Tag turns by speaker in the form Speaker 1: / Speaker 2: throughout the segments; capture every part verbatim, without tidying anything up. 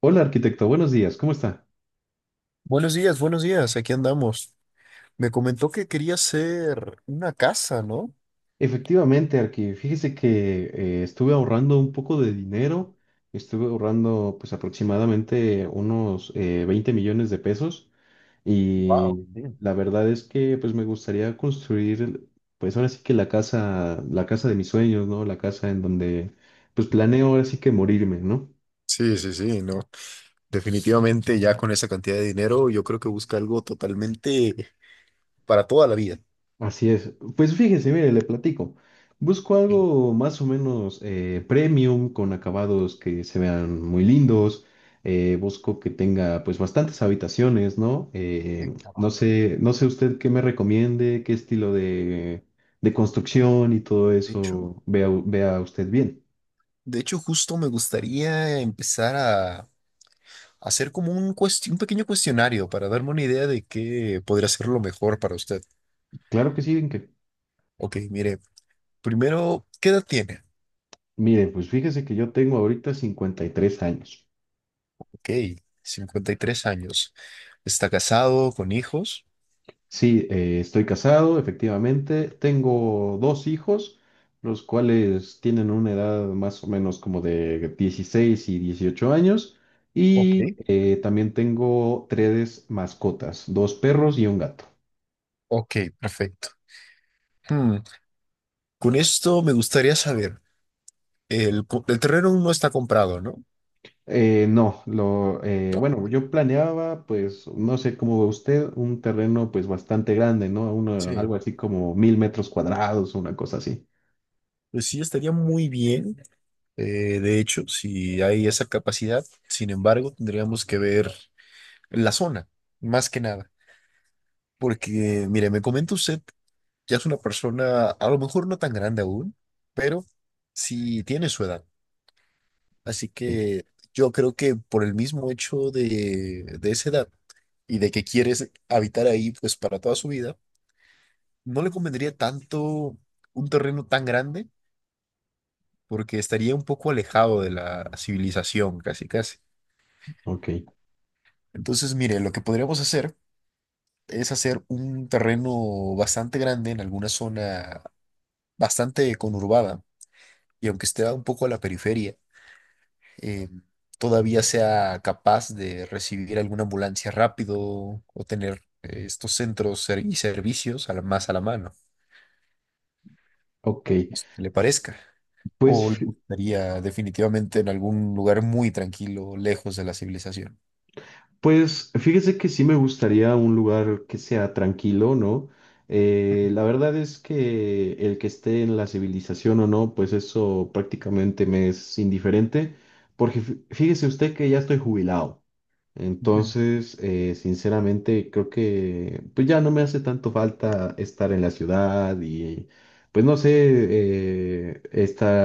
Speaker 1: Hola arquitecto, buenos días, ¿cómo está?
Speaker 2: Buenos días, buenos días, aquí andamos. Me comentó que quería hacer una casa, ¿no?
Speaker 1: Efectivamente, Arqui, fíjese que eh, estuve ahorrando un poco de dinero, estuve ahorrando pues aproximadamente unos eh, veinte millones de pesos
Speaker 2: Wow,
Speaker 1: y
Speaker 2: sí.
Speaker 1: la verdad es que pues me gustaría construir pues ahora sí que la casa, la casa de mis sueños, ¿no? La casa en donde pues planeo ahora sí que morirme, ¿no?
Speaker 2: Sí, sí, sí, no. Definitivamente ya con esa cantidad de dinero, yo creo que busca algo totalmente para toda la vida.
Speaker 1: Así es. Pues fíjese, mire, le platico. Busco algo más o menos eh, premium, con acabados que se vean muy lindos. Eh, busco que tenga pues bastantes habitaciones, ¿no?
Speaker 2: Sí,
Speaker 1: Eh,
Speaker 2: claro.
Speaker 1: no sé, no sé usted qué me recomiende, qué estilo de, de construcción y todo
Speaker 2: De hecho,
Speaker 1: eso vea, vea usted bien.
Speaker 2: de hecho, justo me gustaría empezar a hacer como un cuest- un pequeño cuestionario para darme una idea de qué podría ser lo mejor para usted.
Speaker 1: Claro que sí, que,
Speaker 2: Ok, mire, primero, ¿qué edad tiene?
Speaker 1: mire, pues fíjese que yo tengo ahorita cincuenta y tres años.
Speaker 2: Ok, cincuenta y tres años. ¿Está casado con hijos?
Speaker 1: Sí, eh, estoy casado, efectivamente. Tengo dos hijos, los cuales tienen una edad más o menos como de dieciséis y dieciocho años.
Speaker 2: Ok.
Speaker 1: Y eh, también tengo tres mascotas, dos perros y un gato.
Speaker 2: Ok, perfecto. Hmm. Con esto me gustaría saber, el, co- el terreno aún no está comprado, ¿no?
Speaker 1: Eh, no, lo, eh,
Speaker 2: No.
Speaker 1: bueno, yo planeaba, pues, no sé cómo ve usted, un terreno pues bastante grande, ¿no? Uno-
Speaker 2: Sí.
Speaker 1: algo así como mil metros cuadrados, una cosa así.
Speaker 2: Pues sí, estaría muy bien, eh, de hecho, si hay esa capacidad. Sin embargo, tendríamos que ver la zona, más que nada. Porque, mire, me comenta usted, ya es una persona, a lo mejor no tan grande aún, pero sí tiene su edad. Así
Speaker 1: Sí.
Speaker 2: que yo creo que por el mismo hecho de, de esa edad, y de que quieres habitar ahí pues para toda su vida, no le convendría tanto un terreno tan grande porque estaría un poco alejado de la civilización, casi casi.
Speaker 1: Ok,
Speaker 2: Entonces, mire, lo que podríamos hacer es hacer un terreno bastante grande en alguna zona bastante conurbada y aunque esté un poco a la periferia, eh, todavía sea capaz de recibir alguna ambulancia rápido o tener eh, estos centros ser- y servicios a la- más a la mano,
Speaker 1: ok.
Speaker 2: no sé qué le parezca. ¿O le
Speaker 1: Pues
Speaker 2: gustaría definitivamente en algún lugar muy tranquilo, lejos de la civilización?
Speaker 1: Pues fíjese que sí me gustaría un lugar que sea tranquilo, ¿no? Eh, la verdad es que el que esté en la civilización o no, pues eso prácticamente me es indiferente, porque fí- fíjese usted que ya estoy jubilado,
Speaker 2: Ujú,
Speaker 1: entonces eh, sinceramente creo que pues ya no me hace tanto falta estar en la ciudad y pues no sé, eh,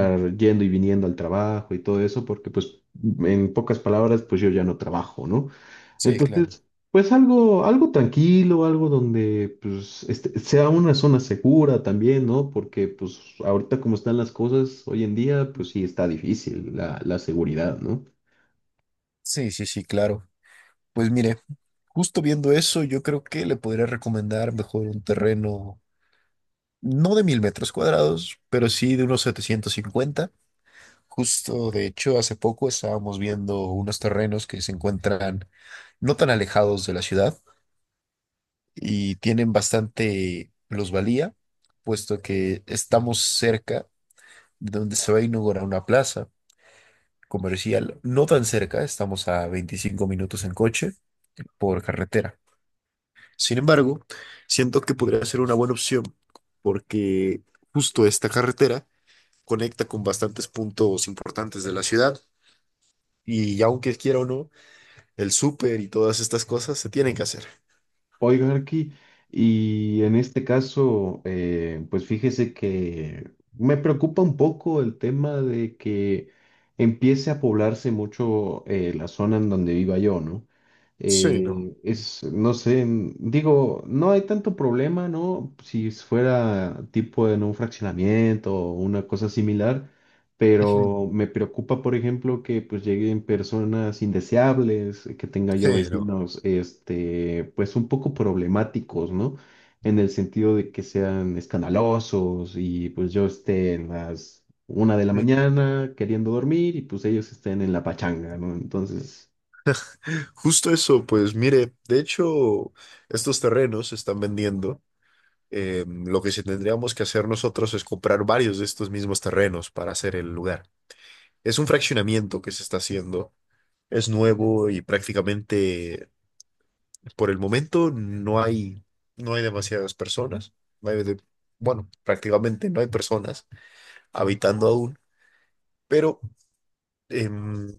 Speaker 2: ujú.
Speaker 1: yendo y viniendo al trabajo y todo eso, porque pues en pocas palabras pues yo ya no trabajo, ¿no?
Speaker 2: Sí, claro.
Speaker 1: Entonces, pues algo, algo tranquilo, algo donde pues este, sea una zona segura también, ¿no? Porque pues ahorita como están las cosas hoy en día, pues
Speaker 2: Justo.
Speaker 1: sí está difícil la, la seguridad, ¿no?
Speaker 2: Sí, sí, sí, claro. Pues mire, justo viendo eso, yo creo que le podría recomendar mejor un terreno, no de mil metros cuadrados, pero sí de unos setecientos cincuenta. Justo, de hecho, hace poco estábamos viendo unos terrenos que se encuentran no tan alejados de la ciudad y tienen bastante plusvalía, puesto que estamos cerca de donde se va a inaugurar una plaza comercial no tan cerca, estamos a veinticinco minutos en coche por carretera. Sin embargo, siento que podría ser una buena opción porque justo esta carretera conecta con bastantes puntos importantes de la ciudad y aunque quiera o no, el súper y todas estas cosas se tienen que hacer.
Speaker 1: Oiga, Arqui, y en este caso, eh, pues fíjese que me preocupa un poco el tema de que empiece a poblarse mucho eh, la zona en donde viva yo, ¿no?
Speaker 2: Sí, no.
Speaker 1: Eh, es, no sé, n- digo, no hay tanto problema, ¿no? Si fuera tipo en un fraccionamiento o una cosa similar,
Speaker 2: Ujú.
Speaker 1: pero me preocupa, por ejemplo, que pues lleguen personas indeseables, que tenga yo
Speaker 2: Sí, no.
Speaker 1: vecinos, este, pues un poco problemáticos, ¿no? En el sentido de que sean escandalosos y pues yo esté en las una de la
Speaker 2: Sí.
Speaker 1: mañana queriendo dormir y pues ellos estén en la pachanga, ¿no? Entonces,
Speaker 2: Justo eso, pues mire, de hecho, estos terrenos se están vendiendo. Eh, lo que sí tendríamos que hacer nosotros es comprar varios de estos mismos terrenos para hacer el lugar. Es un fraccionamiento que se está haciendo. Es nuevo y prácticamente por el momento no hay, no hay demasiadas personas. No hay de- bueno, prácticamente no hay personas habitando aún, pero em,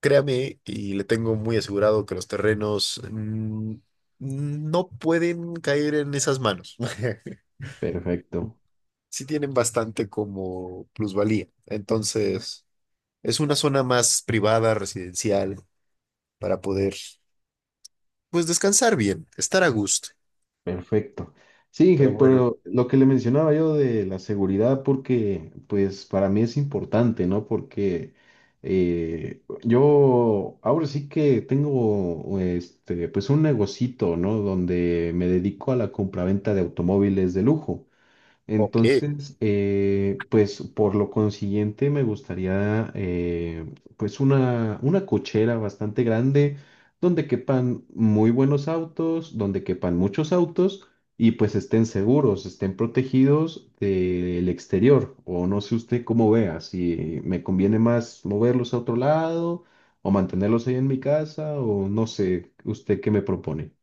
Speaker 2: créame y le tengo muy asegurado que los terrenos mm, no pueden caer en esas manos.
Speaker 1: perfecto.
Speaker 2: Sí tienen bastante como plusvalía. Entonces, es una zona más privada, residencial, para poder, pues, descansar bien, estar a gusto.
Speaker 1: Perfecto. Sí, Inge,
Speaker 2: Pero bueno,
Speaker 1: pero lo que le mencionaba yo de la seguridad, porque pues para mí es importante, ¿no? Porque eh, yo ahora sí que tengo este, pues un negocito, ¿no? Donde me dedico a la compraventa de automóviles de lujo.
Speaker 2: ok,
Speaker 1: Entonces, eh, pues por lo consiguiente me gustaría eh, pues una, una cochera bastante grande donde quepan muy buenos autos, donde quepan muchos autos y pues estén seguros, estén protegidos del exterior. O no sé usted cómo vea, si me conviene más moverlos a otro lado o mantenerlos ahí en mi casa o no sé, usted qué me propone.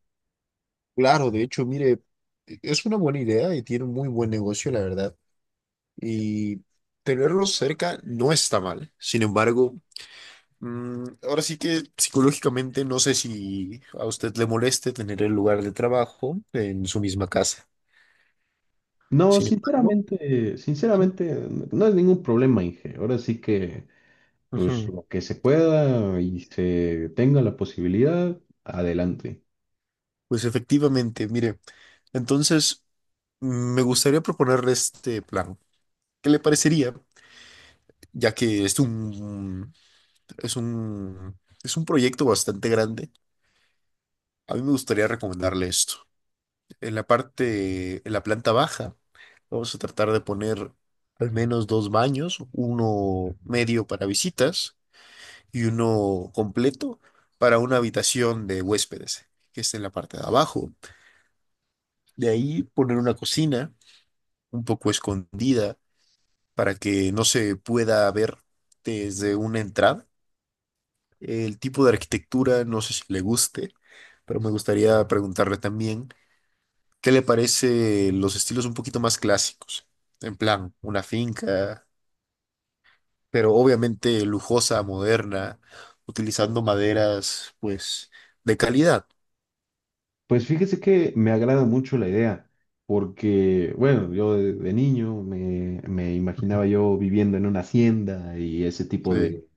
Speaker 2: claro, de hecho, mire, es una buena idea y tiene un muy buen negocio, la verdad. Y tenerlo cerca no está mal. Sin embargo, mm, ahora sí que psicológicamente no sé si a usted le moleste tener el lugar de trabajo en su misma casa.
Speaker 1: No,
Speaker 2: Sin embargo,
Speaker 1: sinceramente,
Speaker 2: ujú,
Speaker 1: sinceramente, no es ningún problema, Inge. Ahora sí que, pues
Speaker 2: ujú.
Speaker 1: lo que se pueda y se tenga la posibilidad, adelante.
Speaker 2: Pues efectivamente, mire, entonces mm, me gustaría proponerle este plan. ¿Qué le parecería? Ya que es un, es un, es un proyecto bastante grande, a mí me gustaría recomendarle esto. En la parte, en la planta baja, vamos a tratar de poner al menos dos baños, uno medio para visitas y uno completo para una habitación de huéspedes, que está en la parte de abajo. De ahí poner una cocina un poco escondida para que no se pueda ver desde una entrada. El tipo de arquitectura, no sé si le guste, pero me gustaría preguntarle también, ¿qué le parece los estilos un poquito más clásicos? En plan, una finca, pero obviamente lujosa, moderna, utilizando maderas, pues, de calidad.
Speaker 1: Pues fíjese que me agrada mucho la idea, porque, bueno, yo de, de niño me, me imaginaba yo viviendo en una hacienda y ese tipo
Speaker 2: Sí.
Speaker 1: de,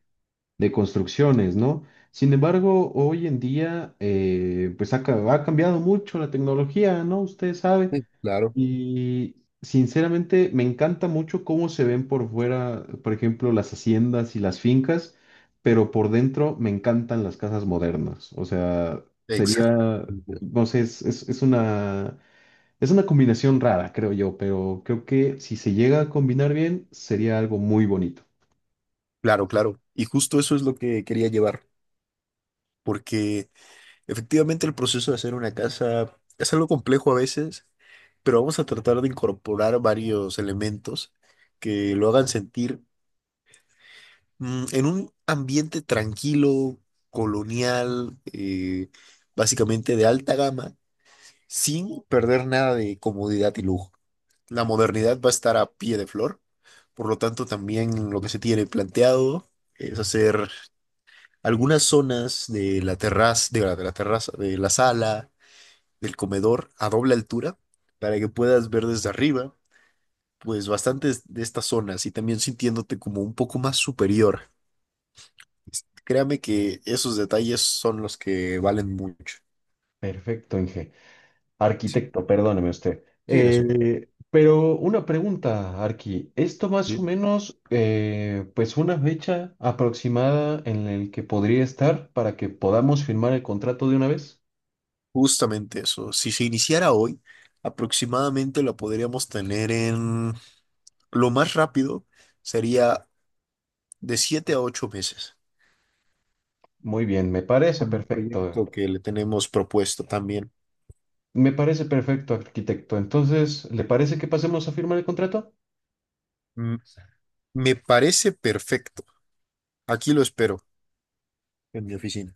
Speaker 1: de construcciones, ¿no? Sin embargo, hoy en día, eh, pues ha, ca- ha cambiado mucho la tecnología, ¿no? Usted sabe.
Speaker 2: Sí, claro.
Speaker 1: Y sinceramente me encanta mucho cómo se ven por fuera, por ejemplo, las haciendas y las fincas, pero por dentro me encantan las casas modernas. O sea,
Speaker 2: Exacto.
Speaker 1: sería, no sé, es, es- es una, es una combinación rara, creo yo, pero creo que si se llega a combinar bien, sería algo muy bonito.
Speaker 2: Claro, claro. Y justo eso es lo que quería llevar, porque efectivamente, el proceso de hacer una casa es algo complejo a veces, pero vamos a tratar de incorporar varios elementos que lo hagan sentir mm, en un ambiente tranquilo, colonial, eh, básicamente de alta gama, sin perder nada de comodidad y lujo. La modernidad va a estar a pie de flor, por lo tanto también lo que se tiene planteado es hacer algunas zonas de la terraza, de la de la terraza, de la sala del comedor a doble altura para que puedas ver desde arriba, pues bastantes de estas zonas y también sintiéndote como un poco más superior. Es- Créame que esos detalles son los que valen mucho.
Speaker 1: Perfecto, Inge.
Speaker 2: Sí.
Speaker 1: Arquitecto, perdóneme usted.
Speaker 2: Sí, no sé.
Speaker 1: Eh, pero una pregunta, Arqui. Esto más o
Speaker 2: Sí.
Speaker 1: menos, eh, pues una fecha aproximada en el que podría estar para que podamos firmar el contrato de una vez.
Speaker 2: Justamente eso. Si se iniciara hoy, aproximadamente lo podríamos tener en lo más rápido sería de siete a ocho meses
Speaker 1: Muy bien, me parece
Speaker 2: con el
Speaker 1: perfecto.
Speaker 2: proyecto que le tenemos propuesto también.
Speaker 1: Me parece perfecto, arquitecto. Entonces, ¿le parece que pasemos a firmar el contrato?
Speaker 2: Mm. Me parece perfecto. Aquí lo espero. En mi oficina.